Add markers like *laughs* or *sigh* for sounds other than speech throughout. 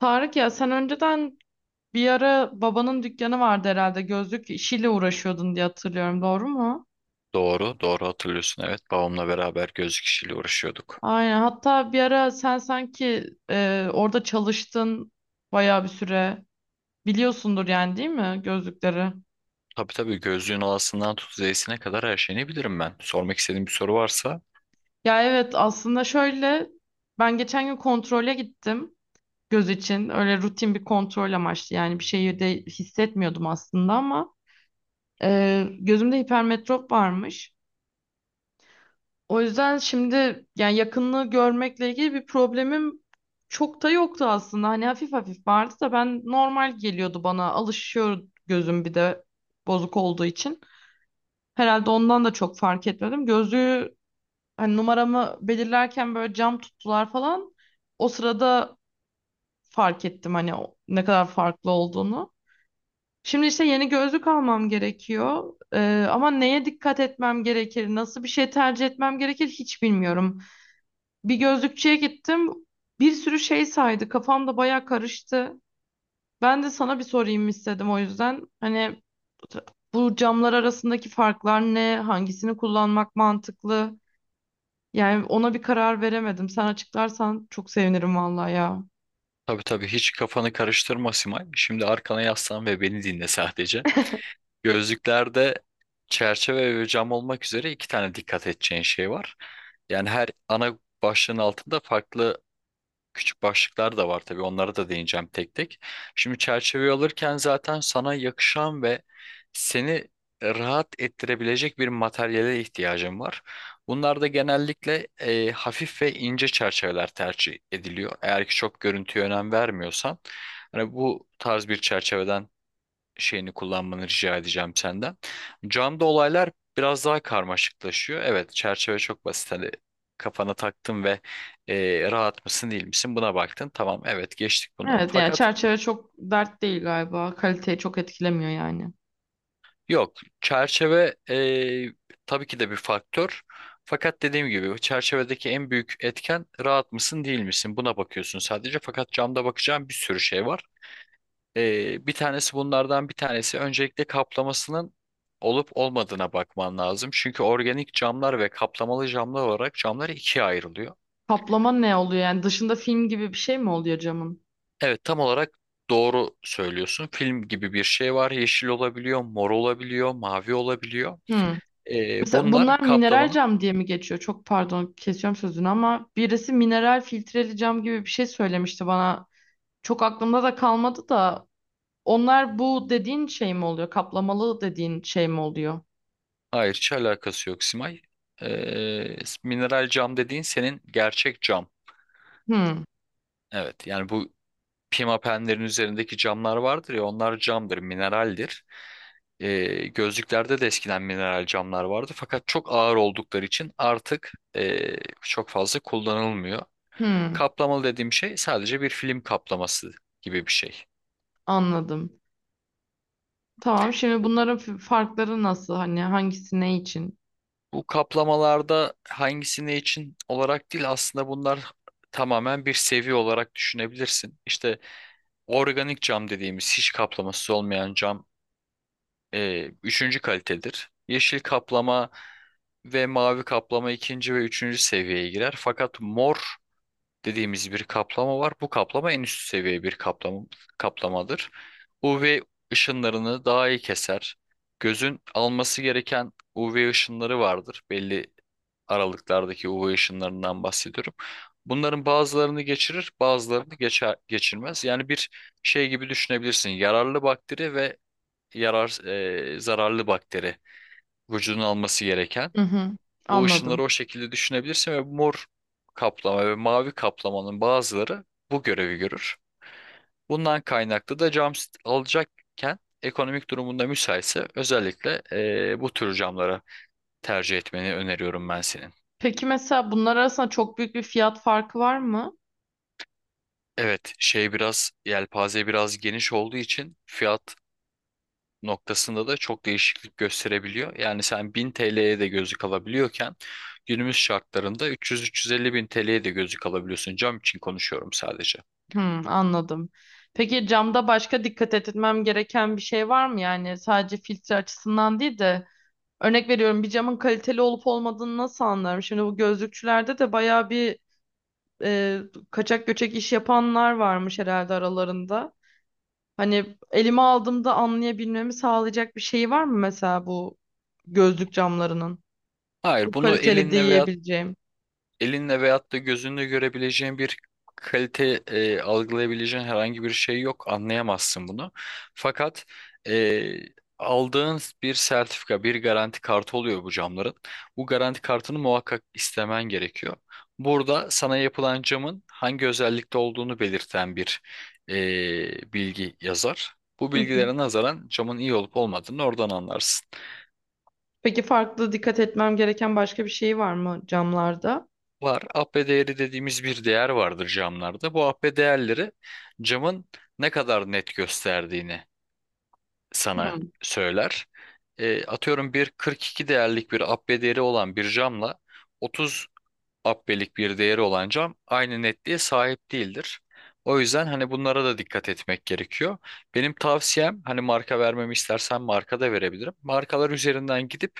Tarık ya, sen önceden bir ara babanın dükkanı vardı herhalde, gözlük işiyle uğraşıyordun diye hatırlıyorum, doğru mu? Doğru, doğru hatırlıyorsun. Evet, babamla beraber gözlük işiyle uğraşıyorduk. Aynen, hatta bir ara sen sanki orada çalıştın bayağı bir süre, biliyorsundur yani, değil mi, gözlükleri? Tabii tabii gözlüğün alasından tut zeysine kadar her şeyini bilirim ben. Sormak istediğin bir soru varsa Ya evet, aslında şöyle, ben geçen gün kontrole gittim, göz için, öyle rutin bir kontrol amaçlı. Yani bir şeyi de hissetmiyordum aslında ama gözümde hipermetrop varmış. O yüzden şimdi, yani yakınlığı görmekle ilgili bir problemim çok da yoktu aslında. Hani hafif hafif vardı da, ben normal geliyordu bana. Alışıyor gözüm, bir de bozuk olduğu için. Herhalde ondan da çok fark etmedim. Gözlüğü, hani numaramı belirlerken böyle cam tuttular falan. O sırada fark ettim hani ne kadar farklı olduğunu. Şimdi işte yeni gözlük almam gerekiyor. Ama neye dikkat etmem gerekir, nasıl bir şey tercih etmem gerekir hiç bilmiyorum. Bir gözlükçüye gittim. Bir sürü şey saydı. Kafam da baya karıştı. Ben de sana bir sorayım istedim o yüzden. Hani bu camlar arasındaki farklar ne? Hangisini kullanmak mantıklı? Yani ona bir karar veremedim. Sen açıklarsan çok sevinirim vallahi ya. tabii tabii hiç kafanı karıştırma Simay. Şimdi arkana yaslan ve beni dinle sadece. Gözlüklerde çerçeve ve cam olmak üzere iki tane dikkat edeceğin şey var. Yani her ana başlığın altında farklı küçük başlıklar da var tabii. Onlara da değineceğim tek tek. Şimdi çerçeveyi alırken zaten sana yakışan ve seni rahat ettirebilecek bir materyale ihtiyacın var. Bunlar da genellikle hafif ve ince çerçeveler tercih ediliyor. Eğer ki çok görüntüye önem vermiyorsan, hani bu tarz bir çerçeveden şeyini kullanmanı rica edeceğim senden. Camda olaylar biraz daha karmaşıklaşıyor. Evet, çerçeve çok basit. Hani kafana taktın ve rahat mısın değil misin buna baktın. Tamam, evet geçtik bunu. Evet, yani Fakat çerçeve çok dert değil galiba. Kaliteyi çok etkilemiyor yani. yok, çerçeve tabii ki de bir faktör. Fakat dediğim gibi çerçevedeki en büyük etken rahat mısın değil misin? Buna bakıyorsun sadece. Fakat camda bakacağın bir sürü şey var. Bir tanesi Bunlardan bir tanesi öncelikle kaplamasının olup olmadığına bakman lazım. Çünkü organik camlar ve kaplamalı camlar olarak camlar ikiye ayrılıyor. Kaplama ne oluyor yani? Dışında film gibi bir şey mi oluyor camın? Evet tam olarak doğru söylüyorsun. Film gibi bir şey var. Yeşil olabiliyor, mor olabiliyor, mavi olabiliyor. Hmm. Mesela bunlar Bunlar mineral kaplamanın cam diye mi geçiyor? Çok pardon, kesiyorum sözünü ama birisi mineral filtreli cam gibi bir şey söylemişti bana. Çok aklımda da kalmadı da, onlar bu dediğin şey mi oluyor? Kaplamalı dediğin şey mi oluyor? hayır hiç alakası yok Simay. Ee, Mineral cam dediğin senin gerçek cam. Hmm, Evet yani bu pimapenlerin üzerindeki camlar vardır ya onlar camdır, mineraldir. E, gözlüklerde de eskiden mineral camlar vardı fakat çok ağır oldukları için artık çok fazla kullanılmıyor. hmm, Kaplamalı dediğim şey sadece bir film kaplaması gibi bir şey. anladım. Tamam, şimdi Bu, bunların farkları nasıl? Hani hangisi ne için? bu kaplamalarda hangisi ne için olarak değil aslında bunlar tamamen bir seviye olarak düşünebilirsin. İşte organik cam dediğimiz hiç kaplaması olmayan cam üçüncü kalitedir. Yeşil kaplama ve mavi kaplama ikinci ve üçüncü seviyeye girer. Fakat mor dediğimiz bir kaplama var. Bu kaplama en üst seviye bir kaplamadır. UV ışınlarını daha iyi keser. Gözün alması gereken UV ışınları vardır. Belli aralıklardaki UV ışınlarından bahsediyorum. Bunların bazılarını geçirir, bazılarını geçer, geçirmez. Yani bir şey gibi düşünebilirsin. Yararlı bakteri ve yarar, zararlı bakteri vücudun alması gereken Hı hı, o anladım. ışınları o şekilde düşünebilirsin ve mor kaplama ve mavi kaplamanın bazıları bu görevi görür. Bundan kaynaklı da cam sit alacakken ekonomik durumunda müsaitse özellikle bu tür camlara tercih etmeni öneriyorum ben senin. Peki mesela bunlar arasında çok büyük bir fiyat farkı var mı? Evet, şey biraz yelpaze biraz geniş olduğu için fiyat noktasında da çok değişiklik gösterebiliyor. Yani sen 1000 TL'ye de gözlük alabiliyorken günümüz şartlarında 300-350 bin TL'ye de gözlük alabiliyorsun. Cam için konuşuyorum sadece. Hmm, anladım. Peki camda başka dikkat etmem gereken bir şey var mı? Yani sadece filtre açısından değil de, örnek veriyorum, bir camın kaliteli olup olmadığını nasıl anlarım? Şimdi bu gözlükçülerde de bayağı bir e, kaçak göçek iş yapanlar varmış herhalde aralarında. Hani elime aldığımda anlayabilmemi sağlayacak bir şey var mı mesela, bu gözlük camlarının? Hayır, Bu bunu kaliteli diyebileceğim. elinle veyahut da gözünle görebileceğin bir kalite algılayabileceğin herhangi bir şey yok. Anlayamazsın bunu. Fakat e, aldığın bir sertifika, bir garanti kartı oluyor bu camların. Bu garanti kartını muhakkak istemen gerekiyor. Burada sana yapılan camın hangi özellikte olduğunu belirten bir bilgi yazar. Bu Hı hı. bilgilere nazaran camın iyi olup olmadığını oradan anlarsın. Peki farklı dikkat etmem gereken başka bir şey var mı camlarda? Var. AP değeri dediğimiz bir değer vardır camlarda. Bu AP değerleri camın ne kadar net gösterdiğini sana söyler. Atıyorum bir 42 değerlik bir AP değeri olan bir camla otuz abbelik bir değeri olan cam aynı netliğe sahip değildir. O yüzden hani bunlara da dikkat etmek gerekiyor. Benim tavsiyem hani marka vermemi istersen marka da verebilirim. Markalar üzerinden gidip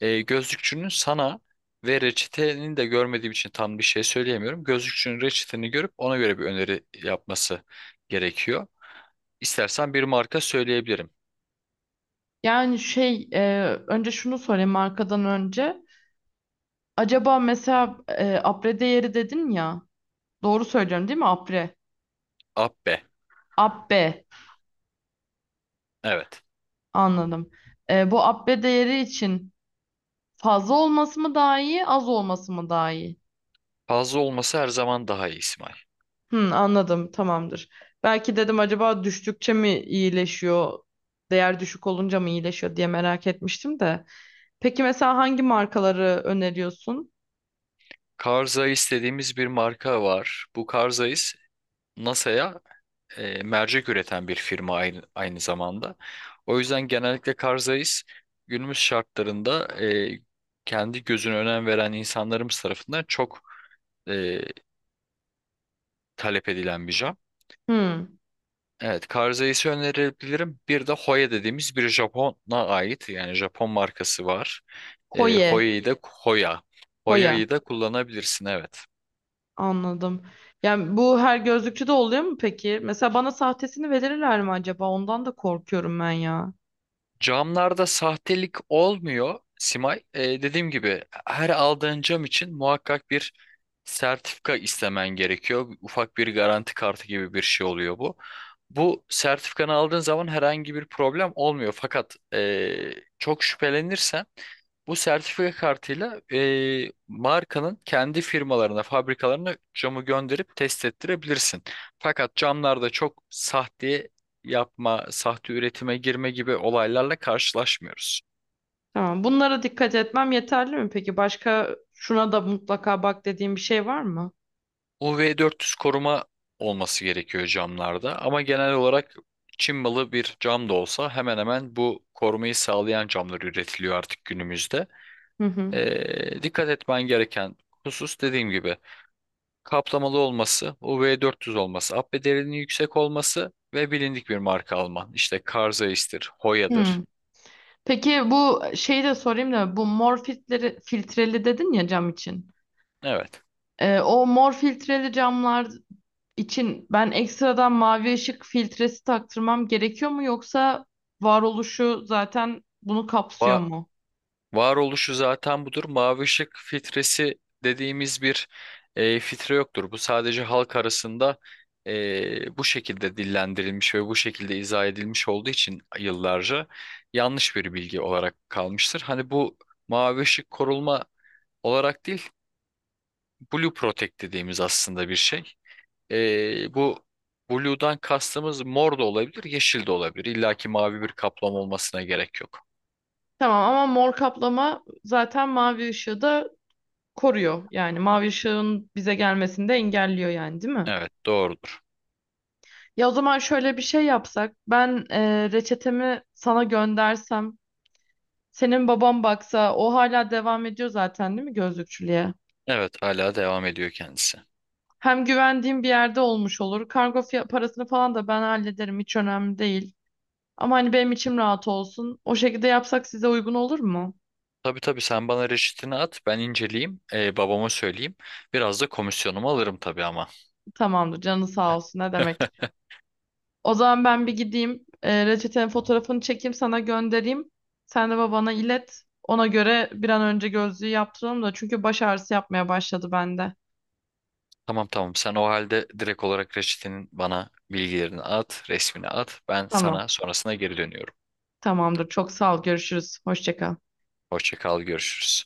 gözlükçünün sana ve reçetenin de görmediğim için tam bir şey söyleyemiyorum. Gözlükçünün reçeteni görüp ona göre bir öneri yapması gerekiyor. İstersen bir marka söyleyebilirim. Yani şey, önce şunu sorayım markadan önce. Acaba mesela apre değeri dedin ya. Doğru söylüyorum değil mi, apre? Abbe. Abbe, Evet. anladım. Bu abbe değeri için fazla olması mı daha iyi, az olması mı daha iyi? Fazla olması her zaman daha iyi İsmail. Hı, anladım, tamamdır. Belki dedim acaba düştükçe mi iyileşiyor? Değer düşük olunca mı iyileşiyor diye merak etmiştim de. Peki mesela hangi markaları öneriyorsun? Carl Zeiss dediğimiz bir marka var. Bu Carl Zeiss NASA'ya mercek üreten bir firma aynı zamanda. O yüzden genellikle Karzais günümüz şartlarında kendi gözüne önem veren insanlarımız tarafından çok e, talep edilen bir cam. Hı, Evet, Karzais'i önerebilirim. Bir de Hoya dediğimiz bir Japon'a ait yani Japon markası var. Koye. Hoya'yı da Hoya. Koya. Hoya'yı da kullanabilirsin evet. Anladım. Yani bu her gözlükçüde oluyor mu peki? Mesela bana sahtesini verirler mi acaba? Ondan da korkuyorum ben ya. Camlarda sahtelik olmuyor Simay. Dediğim gibi her aldığın cam için muhakkak bir sertifika istemen gerekiyor. Ufak bir garanti kartı gibi bir şey oluyor bu. Bu sertifikanı aldığın zaman herhangi bir problem olmuyor. Fakat çok şüphelenirsen bu sertifika kartıyla markanın kendi firmalarına, fabrikalarına camı gönderip test ettirebilirsin. Fakat camlarda çok sahte yapma, sahte üretime girme gibi olaylarla karşılaşmıyoruz. Tamam. Bunlara dikkat etmem yeterli mi peki? Başka şuna da mutlaka bak dediğim bir şey var mı? UV400 koruma olması gerekiyor camlarda ama genel olarak Çin malı bir cam da olsa hemen hemen bu korumayı sağlayan camlar üretiliyor artık günümüzde. Hı hı. Dikkat etmen gereken husus dediğim gibi kaplamalı olması, UV400 olması, abbe derinliği yüksek olması ve bilindik bir marka Alman. İşte Karzeis'tir, Hoya'dır. Hmm. Peki bu şeyi de sorayım da, bu mor filtreli dedin ya cam için. Evet. O mor filtreli camlar için ben ekstradan mavi ışık filtresi taktırmam gerekiyor mu, yoksa varoluşu zaten bunu kapsıyor mu? Varoluşu zaten budur. Mavi ışık filtresi dediğimiz bir filtre yoktur. Bu sadece halk arasında bu şekilde dillendirilmiş ve bu şekilde izah edilmiş olduğu için yıllarca yanlış bir bilgi olarak kalmıştır. Hani bu mavi ışık koruma olarak değil, Blue Protect dediğimiz aslında bir şey. Bu Blue'dan kastımız mor da olabilir, yeşil de olabilir. İlla ki mavi bir kaplama olmasına gerek yok. Tamam ama mor kaplama zaten mavi ışığı da koruyor. Yani mavi ışığın bize gelmesini de engelliyor yani, değil mi? Evet, doğru. Ya o zaman şöyle bir şey yapsak. Ben reçetemi sana göndersem. Senin babam baksa, o hala devam ediyor zaten değil mi gözlükçülüğe? Evet hala devam ediyor kendisi. Hem güvendiğim bir yerde olmuş olur. Kargo parasını falan da ben hallederim, hiç önemli değil. Ama hani benim içim rahat olsun. O şekilde yapsak size uygun olur mu? Tabii tabii sen bana reçetini at ben inceleyeyim babama söyleyeyim. Biraz da komisyonumu alırım tabii ama. Tamamdır, canı sağ olsun, ne demek. *laughs* O zaman ben bir gideyim. Reçetenin fotoğrafını çekeyim sana göndereyim. Sen de babana ilet. Ona göre bir an önce gözlüğü yaptıralım da, çünkü baş ağrısı yapmaya başladı bende. Tamam tamam sen o halde direkt olarak reçetenin bana bilgilerini at resmini at ben Tamam. sana sonrasına geri dönüyorum. Tamamdır. Çok sağ ol. Görüşürüz. Hoşça kal. Hoşça kal görüşürüz.